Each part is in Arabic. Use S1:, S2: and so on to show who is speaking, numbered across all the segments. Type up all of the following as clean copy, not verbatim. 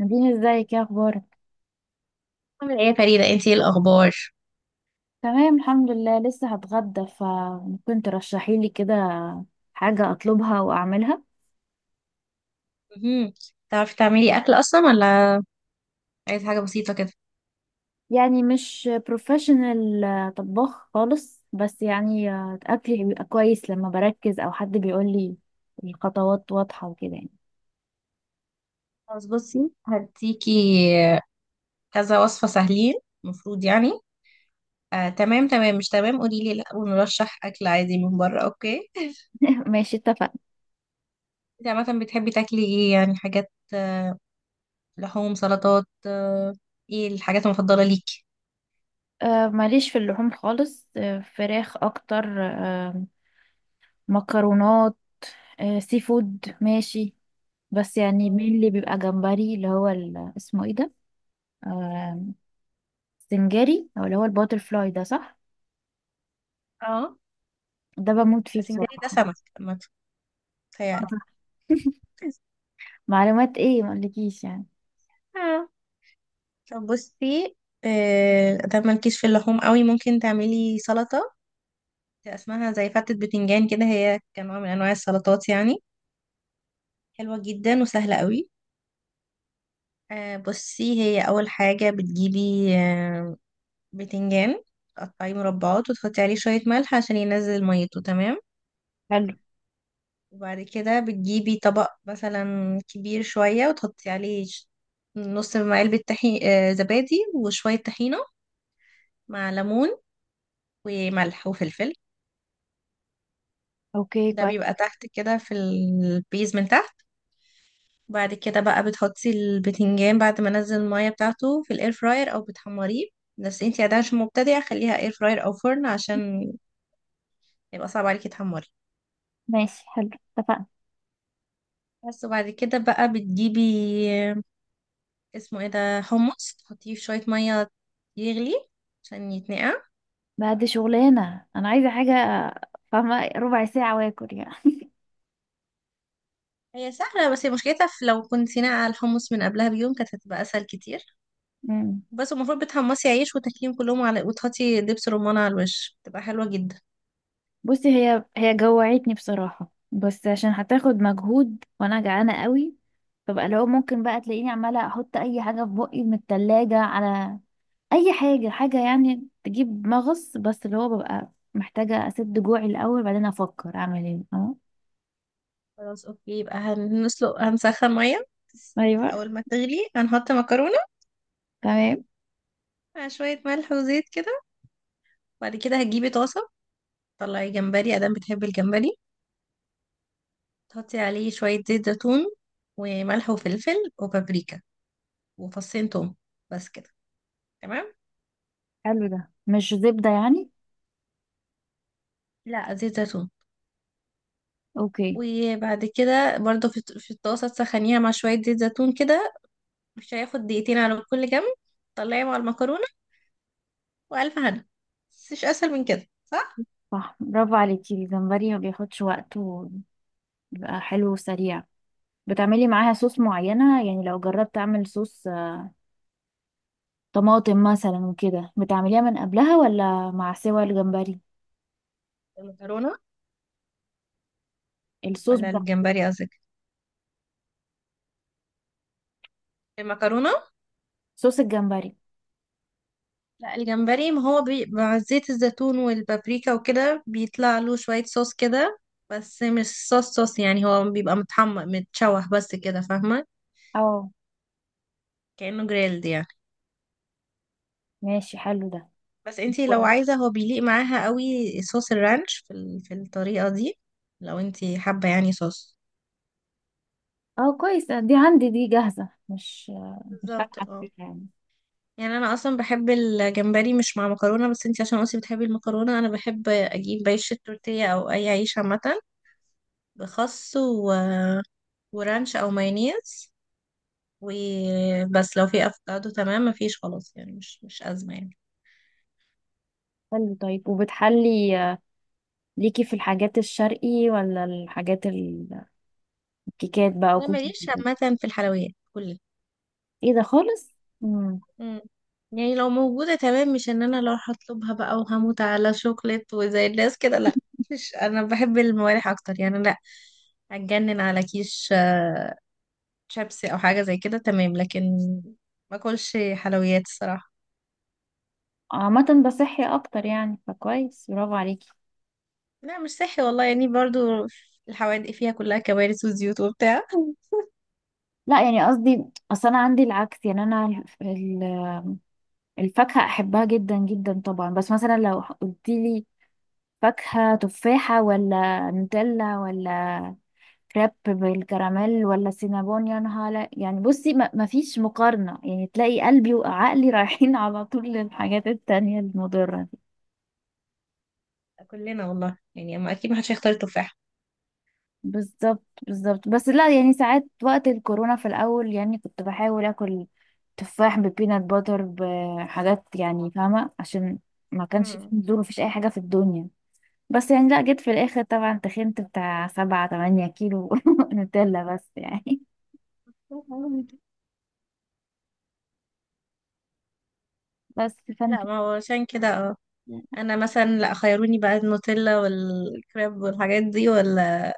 S1: نادين، ازيك؟ يا اخبارك؟
S2: عامل ايه يا فريدة، انتي ايه الاخبار؟
S1: تمام، الحمد لله. لسه هتغدى، فممكن ترشحي لي كده حاجة اطلبها واعملها؟
S2: مهم. تعرفي تعملي اكل اصلا ولا؟ عايزة حاجة بسيطة كده؟
S1: يعني مش بروفيشنال طباخ خالص، بس يعني اكلي بيبقى كويس لما بركز او حد بيقول لي الخطوات واضحة وكده يعني.
S2: خلاص، بصي هديكي كذا وصفة سهلين المفروض يعني. تمام تمام مش تمام، قولي لي لا ونرشح اكل عادي من بره، اوكي؟
S1: ماشي، اتفقنا.
S2: انت عامة بتحبي تاكلي ايه؟ يعني حاجات لحوم سلطات، ايه الحاجات المفضلة ليكي؟
S1: ماليش في اللحوم خالص، فراخ اكتر، مكرونات، سي فود ماشي. بس يعني مين اللي بيبقى جمبري، اللي هو اسمه ايه ده، آه، سنجاري، او اللي هو الباتر فلاي ده، صح؟
S2: اه،
S1: ده بموت فيه
S2: سنجاري ده
S1: بصراحة.
S2: سمك عامة،
S1: آه،
S2: تهيألي.
S1: صح. معلومات ايه ما اقولكيش يعني.
S2: اه، طب بصي. ده مالكيش في اللحوم قوي، ممكن تعملي سلطة اسمها زي فتة بتنجان كده، هي كنوع من انواع السلطات يعني، حلوة جدا وسهلة قوي. بصي، هي اول حاجة بتجيبي بتنجان. تقطعيه مربعات، وتحطي عليه شوية ملح عشان ينزل ميته، تمام.
S1: حلو.
S2: وبعد كده بتجيبي طبق مثلا كبير شوية، وتحطي عليه نص علبة طحين، زبادي وشوية طحينة مع ليمون وملح وفلفل.
S1: اوكي،
S2: ده
S1: كويس.
S2: بيبقى تحت كده في البيز من تحت. بعد كده بقى بتحطي البتنجان بعد ما نزل المية بتاعته في الاير فراير، او بتحمريه. بس انتي عادة عشان مبتدئة، خليها اير فراير او فرن، عشان يبقى صعب عليكي تحمري.
S1: ماشي، حلو، اتفقنا.
S2: بس، وبعد كده بقى بتجيبي، اسمه ايه ده، حمص، تحطيه في شوية مية يغلي عشان يتنقع.
S1: بعد شغلانة انا عايزة حاجة فاهمة، ربع ساعة واكل يعني.
S2: هي سهلة، بس هي مشكلتها في لو كنت ناقعة الحمص من قبلها بيوم، كانت هتبقى اسهل كتير.
S1: مم.
S2: بس المفروض بتحمصي عيش وتاكليهم كلهم على، وتحطي دبس رمان على الوش، تبقى حلوة جدا.
S1: بصي، هي جوعتني بصراحة، بس عشان هتاخد مجهود وانا جعانة قوي. فبقى لو ممكن بقى تلاقيني عمالة احط اي حاجة في بقي من التلاجة على اي حاجه حاجه يعني تجيب مغص، بس اللي هو ببقى محتاجه اسد جوعي الاول، بعدين افكر اعمل ايه. اه.
S2: خلاص اوكي، يبقى هنسلق، هنسخن ميه.
S1: ايوه.
S2: اول ما تغلي هنحط مكرونه
S1: تمام.
S2: مع شويه ملح وزيت كده. بعد كده هتجيبي طاسه، طلعي جمبري، ادام بتحبي الجمبري. تحطي عليه شويه زيت زيتون وملح وفلفل وبابريكا وفصين توم، بس كده، تمام.
S1: حلو، ده مش زبده يعني؟
S2: لا، زيت زيتون.
S1: اوكي.
S2: وبعد كده برضو، في الطاسه تسخنيها مع شويه زيت زيتون كده. مش هياخد دقيقتين على كل جنب. طلعي مع المكرونه والف هنا. مش اسهل من كده، صح؟
S1: صح، برافو عليكي. الجمبري ما بياخدش وقت وبيبقى حلو وسريع. بتعملي معاها صوص معينه؟ يعني لو جربت اعمل صوص طماطم مثلا وكده، بتعمليها من قبلها ولا مع سوى الجمبري؟
S2: المكرونه
S1: الصوص
S2: ولا
S1: بتاع.
S2: الجمبري قصدك؟ المكرونة؟
S1: صوص الجمبري.
S2: لا، الجمبري، ما هو مع زيت الزيتون والبابريكا وكده بيطلع له شوية صوص كده. بس مش صوص صوص يعني، هو بيبقى متحمر متشوح بس كده، فاهمة؟
S1: اه.
S2: كأنه جريلد يعني.
S1: ماشي، حلو ده.
S2: بس انتي لو عايزة هو بيليق معاها قوي، صوص الرانش في الطريقة دي، لو انتي حابة يعني صوص.
S1: اه، كويس، دي عندي، دي جاهزة مش. مش فاتحة
S2: بالظبط، اه.
S1: فيها يعني.
S2: يعني انا اصلا بحب الجمبري مش مع مكرونة، بس انتي عشان قلتي بتحبي المكرونة، انا بحب اجيب عيش التورتيه او اي عيش عامة. بخس ورانش او مايونيز. وبس، لو في افوكادو تمام، مفيش خلاص يعني، مش ازمه يعني.
S1: حلو، طيب، وبتحلي ليكي في الحاجات الشرقي ولا الحاجات الكيكات بقى
S2: انا
S1: وكوكيز
S2: ماليش
S1: وكده؟
S2: عامه في الحلويات كلها.
S1: ايه ده خالص! امم.
S2: مم. يعني لو موجوده تمام، مش ان انا لو هطلبها بقى وهموت على شوكليت وزي الناس كده، لا. مش، انا بحب الموالح اكتر يعني، لا. هتجنن على كيش، شيبسي او حاجه زي كده، تمام، لكن ما اكلش حلويات الصراحه.
S1: عامة بصحي اكتر يعني، فكويس، برافو عليكي.
S2: لا، مش صحي والله يعني، برضو الحوادق فيها كلها كوارث وزيوت وبتاع.
S1: لا يعني قصدي، اصل انا عندي العكس يعني، انا ال- الفاكهة احبها جدا جدا طبعا. بس مثلا لو قلتيلي فاكهة تفاحة ولا نوتيلا ولا كريب بالكراميل ولا سينابون يا نهار يعني بصي ما فيش مقارنة، يعني تلاقي قلبي وعقلي رايحين على طول للحاجات التانية المضرة دي.
S2: كلنا والله يعني، اما اكيد ما حدش هيختار التفاح.
S1: بالظبط، بالظبط، بس لا يعني ساعات وقت الكورونا في الأول يعني كنت بحاول آكل تفاح ببينات باتر بحاجات، يعني فاهمة، عشان ما كانش في
S2: مم.
S1: نزول ومفيش أي حاجة في الدنيا. بس يعني، لا جيت في الآخر طبعا تخنت بتاع 7 8 كيلو نوتيلا بس يعني. بس فانت.
S2: لا، ما هو عشان كده، اه. انا مثلا لا، خيروني بقى النوتيلا والكريب والحاجات دي، ولا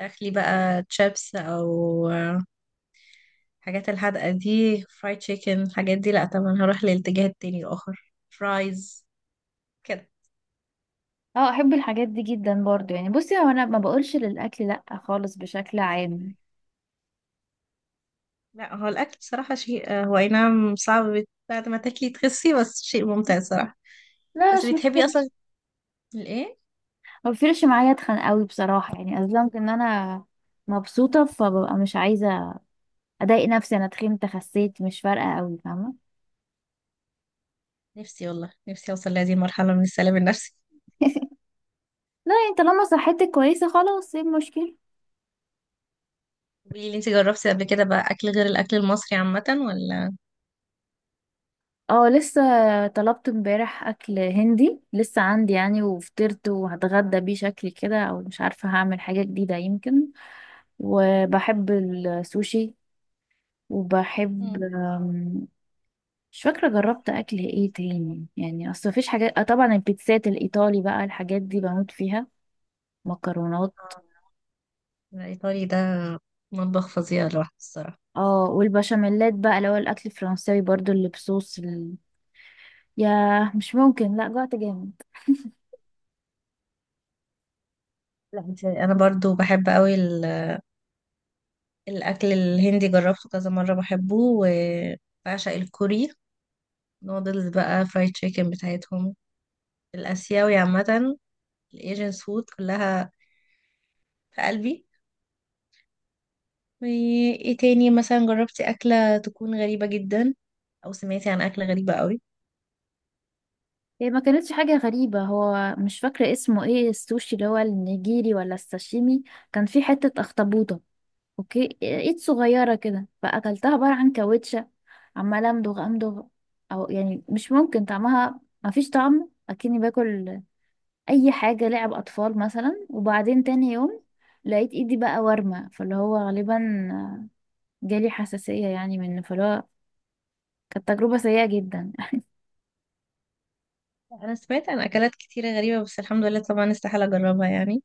S2: اخلي بقى تشيبس او الحاجات الحادقه دي، فرايد تشيكن الحاجات دي، لا طبعا هروح للاتجاه التاني الاخر، فرايز كده.
S1: اه، احب الحاجات دي جدا برضو يعني، بصي هو انا ما بقولش للاكل لا خالص بشكل عام.
S2: لا، هو الاكل بصراحه شيء، هو اي نعم صعب بعد ما تاكلي تخسي، بس شيء ممتع صراحه.
S1: لا، مش
S2: بس بتحبي
S1: مشكله.
S2: اصلا الايه؟
S1: ما بيفرقش معايا اتخن قوي بصراحه يعني، اصلا ان انا مبسوطه، فببقى مش عايزه اضايق نفسي، انا تخنت خسيت مش فارقه قوي فاهمه.
S2: نفسي والله، نفسي اوصل لهذه المرحله من السلام النفسي.
S1: لا يعني، طالما صحتك كويسه خلاص، ايه المشكله؟
S2: قولي لي، انت جربتي قبل كده بقى اكل غير الاكل المصري عامة ولا؟
S1: اه، لسه طلبت امبارح اكل هندي لسه عندي يعني، وفطرت وهتغدى بيه شكلي كده، او مش عارفه هعمل حاجه جديده يمكن. وبحب السوشي. وبحب
S2: مم.
S1: أم، مش فاكرة جربت أكل إيه تاني يعني، أصل مفيش حاجات، طبعا البيتزات الإيطالي بقى الحاجات دي بموت فيها. مكرونات.
S2: آه، الايطالي ده مطبخ فظيع لوحده الصراحة.
S1: اه، والبشاميلات بقى اللي هو الأكل الفرنساوي برضو اللي بصوص ياه، مش ممكن، لأ جوعت جامد.
S2: لا، انت انا برضو بحب قوي الاكل الهندي، جربته كذا مرة بحبه، وبعشق الكوري. نودلز بقى، فرايد تشيكن بتاعتهم، الاسيوي عامة، الايجنس فود كلها في قلبي. وايه تاني؟ مثلا جربتي اكلة تكون غريبة جدا، او سمعتي عن اكلة غريبة قوي؟
S1: هي ما كانتش حاجة غريبة، هو مش فاكرة اسمه ايه، السوشي اللي هو النيجيري ولا الساشيمي. كان فيه حتة أخطبوطة. اوكي، ايد صغيرة كده، فاكلتها عبارة عن كاوتشة. عمالة امضغ امضغ. او يعني مش ممكن طعمها، مفيش طعم، اكني باكل اي حاجة لعب اطفال مثلا. وبعدين تاني يوم لقيت ايدي بقى ورمة، فاللي هو غالبا جالي حساسية يعني منه، فاللي هو كانت تجربة سيئة جدا.
S2: انا سمعت عن اكلات كتيرة غريبة، بس الحمد لله طبعا استحالة اجربها يعني.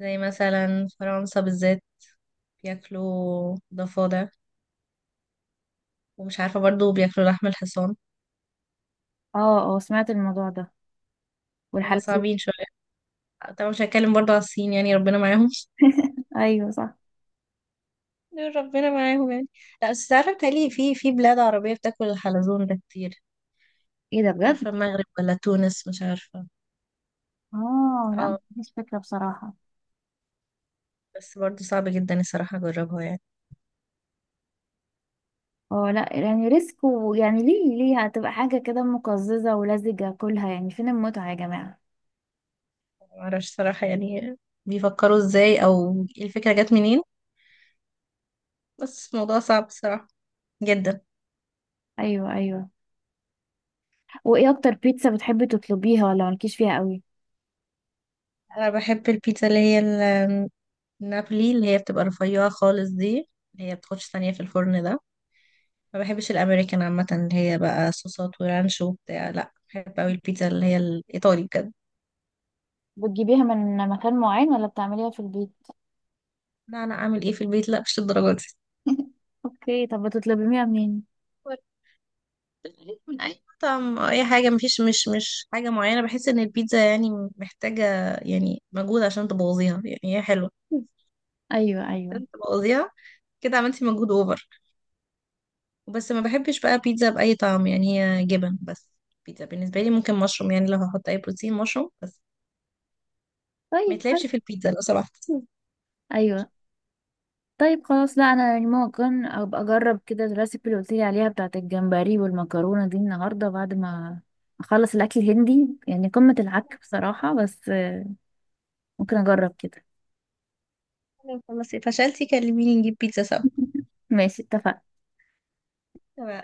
S2: زي مثلا فرنسا بالذات بياكلوا ضفادع، ومش عارفة برضو بياكلوا لحم الحصان.
S1: اه، اه، سمعت الموضوع ده.
S2: هما
S1: والحلزون.
S2: صعبين شوية. طبعا مش هتكلم برضو على الصين، يعني ربنا معاهم
S1: ايوه، صح.
S2: دول ربنا معاهم يعني. لا بس عارفة بتهيألي، في بلاد عربية بتاكل الحلزون ده كتير.
S1: ايه ده
S2: مش
S1: بجد؟
S2: عارفة، المغرب ولا تونس، مش عارفة.
S1: اه، لا
S2: اه.
S1: مفيش فكرة بصراحة.
S2: بس برضو صعب جدا الصراحة اجربها يعني.
S1: اه، لا يعني ريسك، ويعني ليه هتبقى حاجة كده مقززة ولزجة كلها، يعني فين المتعة يا جماعة.
S2: معرفش صراحة يعني بيفكروا ازاي، او الفكرة جت منين، بس الموضوع صعب الصراحة جدا.
S1: ايوه، ايوه. وايه اكتر بيتزا بتحبي تطلبيها، ولا مالكيش فيها قوي؟
S2: انا بحب البيتزا اللي هي نابلي، اللي هي بتبقى رفيعة خالص دي، اللي هي بتاخدش ثانية في الفرن ده. ما بحبش الأمريكان عامة اللي هي بقى صوصات ورانش وبتاع، لا بحب أوي البيتزا اللي هي الإيطالي بجد.
S1: بتجيبيها من مكان معين ولا بتعمليها في البيت؟
S2: لا، أنا أعمل إيه في البيت؟ لا مش الدرجة دي.
S1: اوكي، طب بتطلبيها منين؟
S2: ورد من أي مطعم أو أي حاجة، مفيش، مش حاجة معينة، بحس إن البيتزا يعني محتاجة. يعني مجهود عشان تبوظيها، يعني هي حلوة،
S1: ايوه، ايوه،
S2: عشان تبوظيها كده عملتي مجهود أوفر. وبس، ما بحبش بقى بيتزا بأي طعم، يعني هي جبن بس، بيتزا بالنسبة لي ممكن مشروم، يعني لو هحط أي بروتين، مشروم بس. ما
S1: طيب حلو.
S2: يتلعبش في البيتزا لو سمحت.
S1: ايوه، طيب خلاص. لا انا يعني ممكن ابقى اجرب كده الريسيبي اللي قلتيلي عليها بتاعت الجمبري والمكرونة دي النهاردة بعد ما اخلص الاكل الهندي، يعني قمة العك بصراحة، بس ممكن اجرب كده.
S2: خلاص فشلتي، كلميني نجيب بيتزا سوا.
S1: ماشي، اتفقنا.
S2: تمام.